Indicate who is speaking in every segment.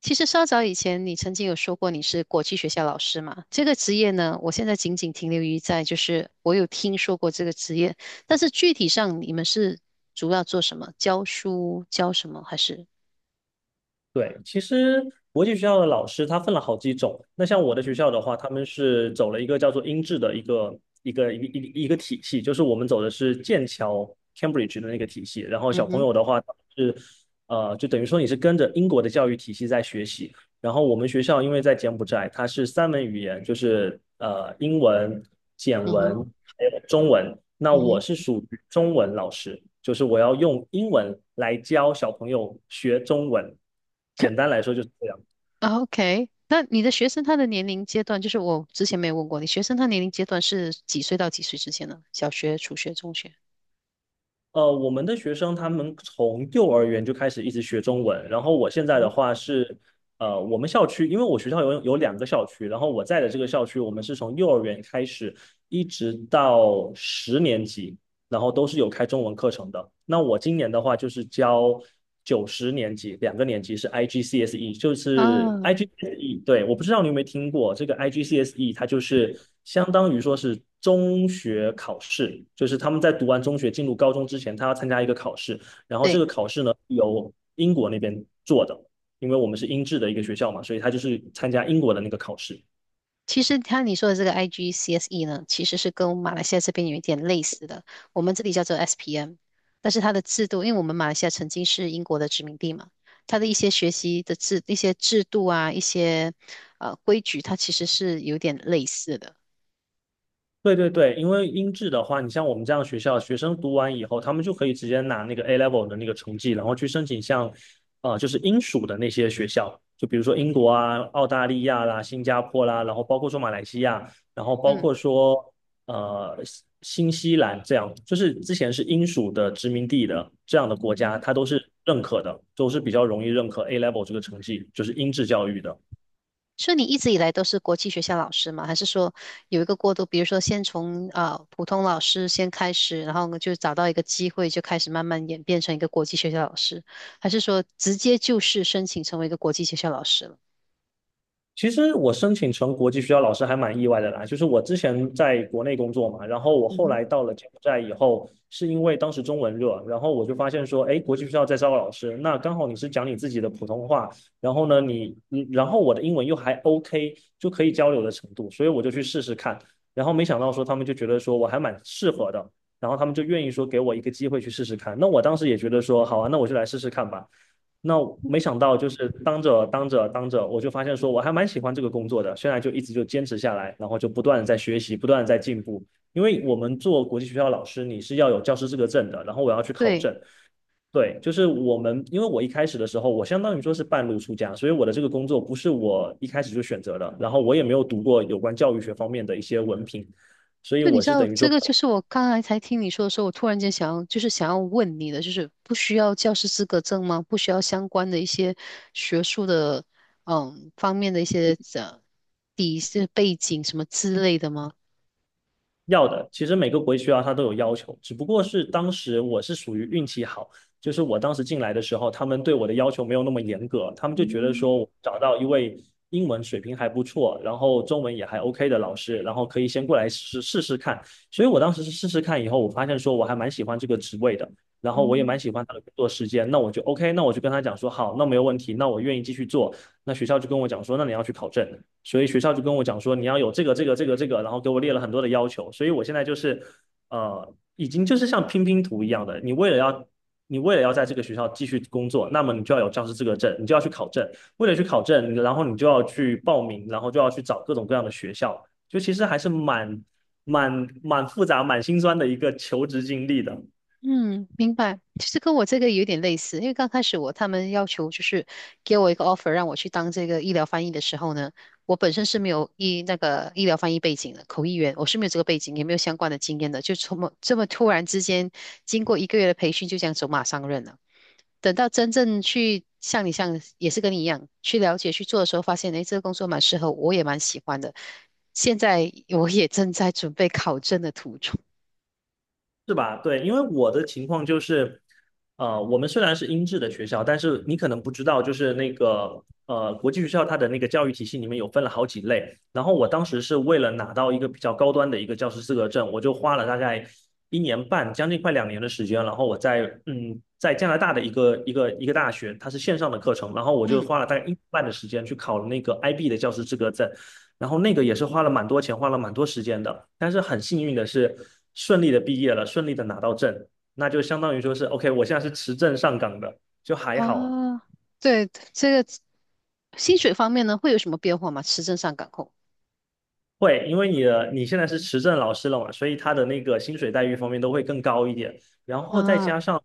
Speaker 1: 其实稍早以前，你曾经有说过你是国际学校老师嘛？这个职业呢，我现在仅仅停留于在就是我有听说过这个职业，但是具体上你们是主要做什么？教书教什么？还是？
Speaker 2: 对，其实国际学校的老师他分了好几种。那像我的学校的话，他们是走了一个叫做英制的一个体系，就是我们走的是剑桥 Cambridge 的那个体系。然后
Speaker 1: 嗯
Speaker 2: 小朋
Speaker 1: 哼。
Speaker 2: 友的话是，就等于说你是跟着英国的教育体系在学习。然后我们学校因为在柬埔寨，它是3门语言，就是英文、柬
Speaker 1: 嗯
Speaker 2: 文
Speaker 1: 哼。
Speaker 2: 还有中文。那
Speaker 1: 嗯
Speaker 2: 我
Speaker 1: 哼。
Speaker 2: 是属于中文老师，就是我要用英文来教小朋友学中文。简单 来说就是这样。
Speaker 1: o k， 那你的学生他的年龄阶段，就是我之前没有问过你，学生他年龄阶段是几岁到几岁之间呢？小学、初学、中学？
Speaker 2: 我们的学生他们从幼儿园就开始一直学中文，然后我现在的
Speaker 1: 嗯。
Speaker 2: 话是，我们校区，因为我学校有2个校区，然后我在的这个校区，我们是从幼儿园开始一直到十年级，然后都是有开中文课程的。那我今年的话就是教九十年级，2个年级是 IGCSE，就是
Speaker 1: 啊，
Speaker 2: IGCSE。对，我不知道你有没有听过这个 IGCSE，它就是相当于说是中学考试，就是他们在读完中学进入高中之前，他要参加一个考试，然后这
Speaker 1: 对。
Speaker 2: 个考试呢由英国那边做的，因为我们是英制的一个学校嘛，所以他就是参加英国的那个考试。
Speaker 1: 其实他你说的这个 IGCSE 呢，其实是跟马来西亚这边有一点类似的，我们这里叫做 SPM，但是它的制度，因为我们马来西亚曾经是英国的殖民地嘛，它的一些学习的制、一些制度啊、一些规矩，它其实是有点类似的。
Speaker 2: 对对对，因为英制的话，你像我们这样学校，学生读完以后，他们就可以直接拿那个 A level 的那个成绩，然后去申请像，就是英属的那些学校，就比如说英国啊、澳大利亚啦、新加坡啦，然后包括说马来西亚，然后包
Speaker 1: 嗯，
Speaker 2: 括说呃新新西兰这样，就是之前是英属的殖民地的这样的国家，它都是认可的，都是比较容易认可 A level 这个成绩，就是英制教育的。
Speaker 1: 所以你一直以来都是国际学校老师吗？还是说有一个过渡？比如说先从普通老师先开始，然后就找到一个机会，就开始慢慢演变成一个国际学校老师，还是说直接就是申请成为一个国际学校老师了？
Speaker 2: 其实我申请成国际学校，老师还蛮意外的啦。就是我之前在国内工作嘛，然后我
Speaker 1: 嗯
Speaker 2: 后
Speaker 1: 哼。
Speaker 2: 来到了柬埔寨以后，是因为当时中文热，然后我就发现说，哎，国际学校在招老师，那刚好你是讲你自己的普通话，然后呢，然后我的英文又还 OK，就可以交流的程度，所以我就去试试看。然后没想到说他们就觉得说我还蛮适合的，然后他们就愿意说给我一个机会去试试看。那我当时也觉得说，好啊，那我就来试试看吧。那我没想到，就是当着，我就发现说我还蛮喜欢这个工作的。现在就一直就坚持下来，然后就不断的在学习，不断的在进步。因为我们做国际学校老师，你是要有教师资格证的，然后我要去考
Speaker 1: 对。
Speaker 2: 证。对，就是我们，因为我一开始的时候，我相当于说是半路出家，所以我的这个工作不是我一开始就选择的，然后我也没有读过有关教育学方面的一些文凭，所以
Speaker 1: 就你
Speaker 2: 我
Speaker 1: 知
Speaker 2: 是
Speaker 1: 道
Speaker 2: 等于
Speaker 1: 这
Speaker 2: 说
Speaker 1: 个，就是我刚才才听你说的时候，我突然间想要，就是想要问你的，就是不需要教师资格证吗？不需要相关的一些学术的方面的一些底是背景什么之类的吗？
Speaker 2: 要的，其实每个国际学校它都有要求，只不过是当时我是属于运气好，就是我当时进来的时候，他们对我的要求没有那么严格，他们就觉得说我找到一位英文水平还不错，然后中文也还 OK 的老师，然后可以先过来试试看。所以我当时是试试看以后，我发现说我还蛮喜欢这个职位的，然后我也蛮喜欢他的工作时间，那我就 OK，那我就跟他讲说好，那没有问题，那我愿意继续做。那学校就跟我讲说，那你要去考证，所以学校就跟我讲说，你要有这个，然后给我列了很多的要求，所以我现在就是已经就是像拼拼图一样的，你为了要。你为了要在这个学校继续工作，那么你就要有教师资格证，你就要去考证。为了去考证，然后你就要去报名，然后就要去找各种各样的学校，就其实还是蛮复杂、蛮心酸的一个求职经历的。
Speaker 1: 嗯，明白。其实跟我这个有点类似，因为刚开始我他们要求就是给我一个 offer 让我去当这个医疗翻译的时候呢，我本身是没有医那个医疗翻译背景的，口译员我是没有这个背景，也没有相关的经验的，就这么这么突然之间，经过1个月的培训就这样走马上任了。等到真正去像你像也是跟你一样去了解去做的时候，发现诶这个工作蛮适合我，我也蛮喜欢的。现在我也正在准备考证的途中。
Speaker 2: 是吧？对，因为我的情况就是，我们虽然是英制的学校，但是你可能不知道，就是那个国际学校它的那个教育体系里面有分了好几类。然后我当时是为了拿到一个比较高端的一个教师资格证，我就花了大概一年半，将近快两年的时间。然后我在在加拿大的一个大学，它是线上的课程，然后我就
Speaker 1: 嗯。
Speaker 2: 花了大概一年半的时间去考了那个 IB 的教师资格证。然后那个也是花了蛮多钱，花了蛮多时间的，但是很幸运的是顺利的毕业了，顺利的拿到证，那就相当于说是 OK，我现在是持证上岗的，就还好。
Speaker 1: 啊，对，这个薪水方面呢，会有什么变化吗？持证上岗后？
Speaker 2: 会，因为你现在是持证老师了嘛，所以他的那个薪水待遇方面都会更高一点。然后再
Speaker 1: 啊。
Speaker 2: 加上，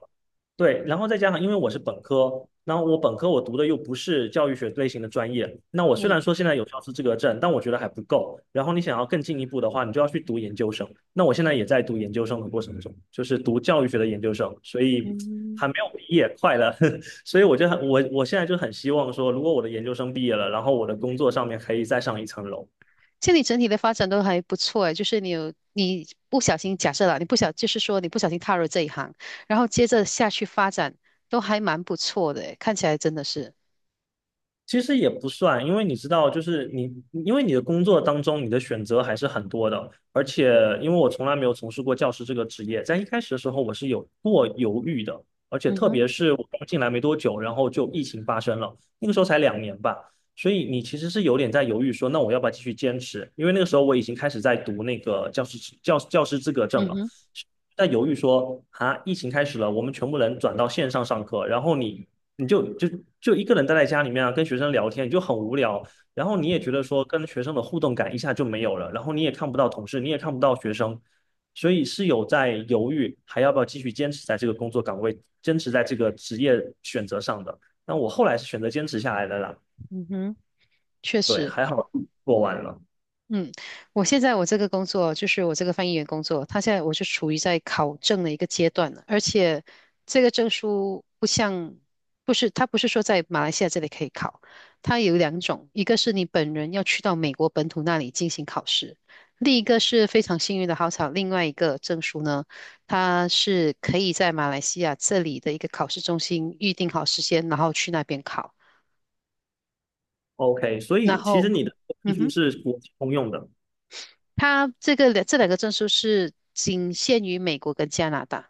Speaker 2: 对，然后再加上，因为我是本科，然后我本科我读的又不是教育学类型的专业，那我虽
Speaker 1: 嗯。
Speaker 2: 然说现在有教师资格证，但我觉得还不够。然后你想要更进一步的话，你就要去读研究生。那我现在也在读研究生的过程中，就是读教育学的研究生，所以
Speaker 1: 嗯。
Speaker 2: 还没有毕业，快了。所以我就很我我现在就很希望说，如果我的研究生毕业了，然后我的工作上面可以再上一层楼。
Speaker 1: 现在你整体的发展都还不错诶，就是你有你不小心假设了，你不小就是说你不小心踏入这一行，然后接着下去发展都还蛮不错的诶，看起来真的是，
Speaker 2: 其实也不算，因为你知道，就是你，因为你的工作当中，你的选择还是很多的。而且，因为我从来没有从事过教师这个职业，在一开始的时候，我是有过犹豫的。而且，
Speaker 1: 嗯
Speaker 2: 特
Speaker 1: 哼。
Speaker 2: 别是我刚进来没多久，然后就疫情发生了，那个时候才两年吧，所以你其实是有点在犹豫说，那我要不要继续坚持？因为那个时候我已经开始在读那个教师资格证
Speaker 1: 嗯
Speaker 2: 了。
Speaker 1: 哼。
Speaker 2: 在犹豫说啊，疫情开始了，我们全部人转到线上上课，然后你就一个人待在家里面啊，跟学生聊天，你就很无聊，然后
Speaker 1: 嗯
Speaker 2: 你也
Speaker 1: 哼。
Speaker 2: 觉得说跟学生的互动感一下就没有了，然后你也看不到同事，你也看不到学生，所以是有在犹豫还要不要继续坚持在这个工作岗位，坚持在这个职业选择上的。那我后来是选择坚持下来的啦，
Speaker 1: 嗯哼。确
Speaker 2: 对，
Speaker 1: 实。
Speaker 2: 还好做完了。
Speaker 1: 嗯，我现在这个工作就是我这个翻译员工作，他现在我是处于在考证的一个阶段了，而且这个证书不像，不是，他不是说在马来西亚这里可以考，它有两种，一个是你本人要去到美国本土那里进行考试，另一个是非常幸运的好巧，另外一个证书呢，它是可以在马来西亚这里的一个考试中心预定好时间，然后去那边考，
Speaker 2: OK，所
Speaker 1: 然
Speaker 2: 以其实
Speaker 1: 后，
Speaker 2: 你的技
Speaker 1: 嗯
Speaker 2: 术
Speaker 1: 哼。
Speaker 2: 是国际通用的，
Speaker 1: 他这个两这两个证书是仅限于美国跟加拿大，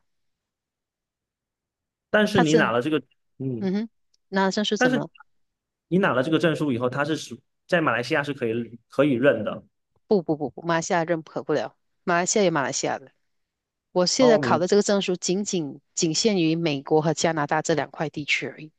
Speaker 2: 但是
Speaker 1: 他
Speaker 2: 你拿
Speaker 1: 证，
Speaker 2: 了这个，嗯。
Speaker 1: 嗯哼。那证书
Speaker 2: 但
Speaker 1: 怎么
Speaker 2: 是。
Speaker 1: 了
Speaker 2: 你拿了这个证书以后，它是在马来西亚是可以认的。
Speaker 1: 不不不不，马来西亚认可不了，马来西亚有马来西亚的。我现在
Speaker 2: 哦，
Speaker 1: 考的这个证书仅限于美国和加拿大这两块地区而已。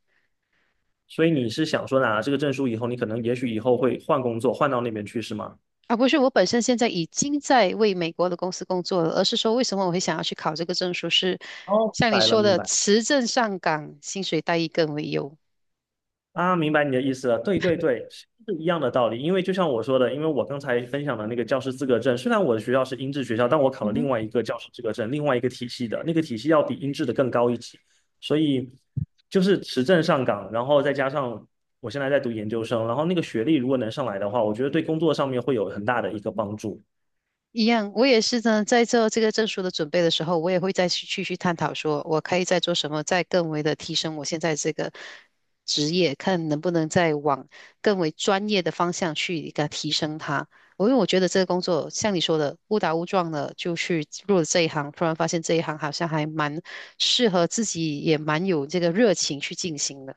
Speaker 2: 所以你是想说拿了这个证书以后，你可能也许以后会换工作，换到那边去，是吗？
Speaker 1: 而不是，我本身现在已经在为美国的公司工作了，而是说为什么我会想要去考这个证书是，
Speaker 2: 哦，明
Speaker 1: 像你
Speaker 2: 白了，
Speaker 1: 说
Speaker 2: 明
Speaker 1: 的，
Speaker 2: 白。
Speaker 1: 持证上岗，薪水待遇更为优。
Speaker 2: 啊，明白你的意思了。对对对，是一样的道理。因为就像我说的，因为我刚才分享的那个教师资格证，虽然我的学校是英制学校，但我考了
Speaker 1: 嗯哼。
Speaker 2: 另外一个教师资格证，另外一个体系的，那个体系要比英制的更高一级。所以就是持证上岗，然后再加上我现在在读研究生，然后那个学历如果能上来的话，我觉得对工作上面会有很大的一个帮助。
Speaker 1: 一样，我也是呢，在做这个证书的准备的时候，我也会再去探讨，说我可以再做什么，再更为的提升我现在这个职业，看能不能再往更为专业的方向去给它提升它。我因为我觉得这个工作像你说的误打误撞的就去入了这一行，突然发现这一行好像还蛮适合自己，也蛮有这个热情去进行的。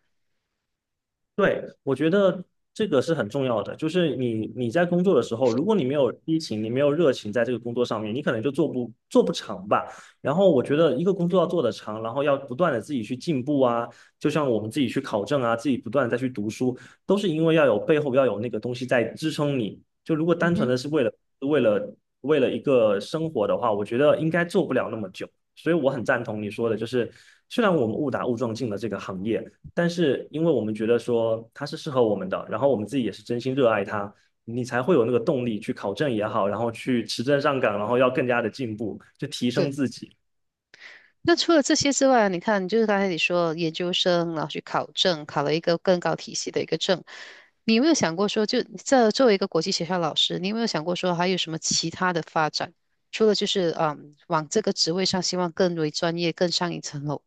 Speaker 2: 对，我觉得这个是很重要的，就是你在工作的时候，如果你没有激情，你没有热情在这个工作上面，你可能就做不长吧。然后我觉得一个工作要做得长，然后要不断的自己去进步啊，就像我们自己去考证啊，自己不断的再去读书，都是因为要有背后要有那个东西在支撑你。就如果
Speaker 1: 嗯
Speaker 2: 单纯
Speaker 1: 哼。
Speaker 2: 的是为了一个生活的话，我觉得应该做不了那么久。所以我很赞同你说的，就是虽然我们误打误撞进了这个行业。但是因为我们觉得说它是适合我们的，然后我们自己也是真心热爱它，你才会有那个动力去考证也好，然后去持证上岗，然后要更加的进步，就提升
Speaker 1: 对。
Speaker 2: 自己。
Speaker 1: 那除了这些之外，你看，就是刚才你说研究生，然后去考证，考了一个更高体系的一个证，你有没有想过说，就这作为一个国际学校老师，你有没有想过说还有什么其他的发展？除了就是嗯，往这个职位上，希望更为专业，更上一层楼。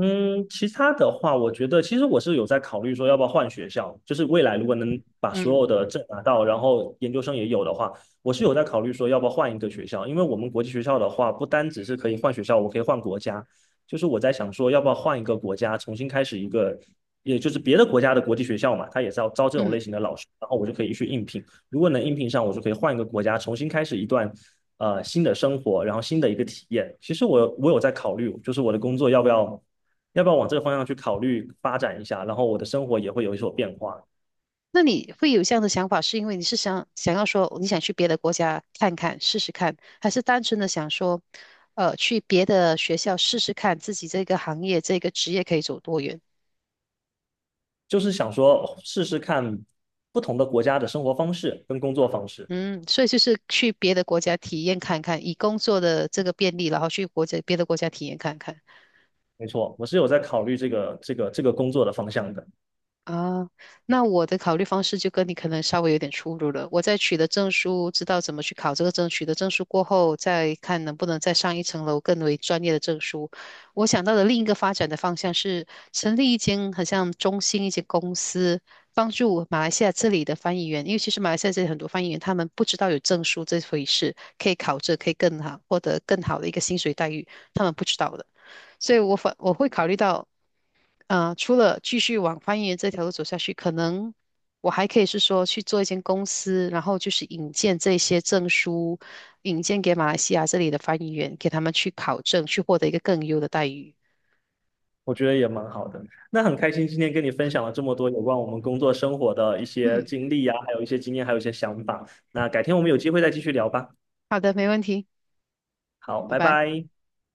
Speaker 2: 嗯，其他的话，我觉得其实我是有在考虑说要不要换学校，就是未来如果能把所
Speaker 1: 嗯。
Speaker 2: 有的证拿到，然后研究生也有的话，我是有在考虑说要不要换一个学校，因为我们国际学校的话，不单只是可以换学校，我可以换国家，就是我在想说要不要换一个国家，重新开始一个，也就是别的国家的国际学校嘛，它也是要招这种
Speaker 1: 嗯。
Speaker 2: 类型的老师，然后我就可以去应聘，如果能应聘上，我就可以换一个国家，重新开始一段。新的生活，然后新的一个体验。其实我有在考虑，就是我的工作要不要往这个方向去考虑发展一下？然后我的生活也会有所变化，
Speaker 1: 那你会有这样的想法，是因为你是想要说你想去别的国家看看试试看，还是单纯的想说，去别的学校试试看自己这个行业这个职业可以走多远？
Speaker 2: 就是想说试试看不同的国家的生活方式跟工作方式。
Speaker 1: 嗯，所以就是去别的国家体验看看，以工作的这个便利，然后去国家别的国家体验看看。
Speaker 2: 没错，我是有在考虑这个工作的方向的，
Speaker 1: 啊，那我的考虑方式就跟你可能稍微有点出入了。我在取得证书，知道怎么去考这个证，取得证书过后，再看能不能再上一层楼，更为专业的证书。我想到的另一个发展的方向是成立一间很像中心一间公司，帮助马来西亚这里的翻译员，因为其实马来西亚这里很多翻译员他们不知道有证书这回事，可以考这，可以更好获得更好的一个薪水待遇，他们不知道的。所以我会考虑到。除了继续往翻译员这条路走下去，可能我还可以是说去做一间公司，然后就是引荐这些证书，引荐给马来西亚这里的翻译员，给他们去考证，去获得一个更优的待遇。
Speaker 2: 我觉得也蛮好的。那很开心今天跟你分享了这么多有关我们工作生活的一些
Speaker 1: 嗯，
Speaker 2: 经历呀、还有一些经验，还有一些想法。那改天我们有机会再继续聊吧。
Speaker 1: 好的，没问题，
Speaker 2: 好，
Speaker 1: 拜
Speaker 2: 拜
Speaker 1: 拜。
Speaker 2: 拜。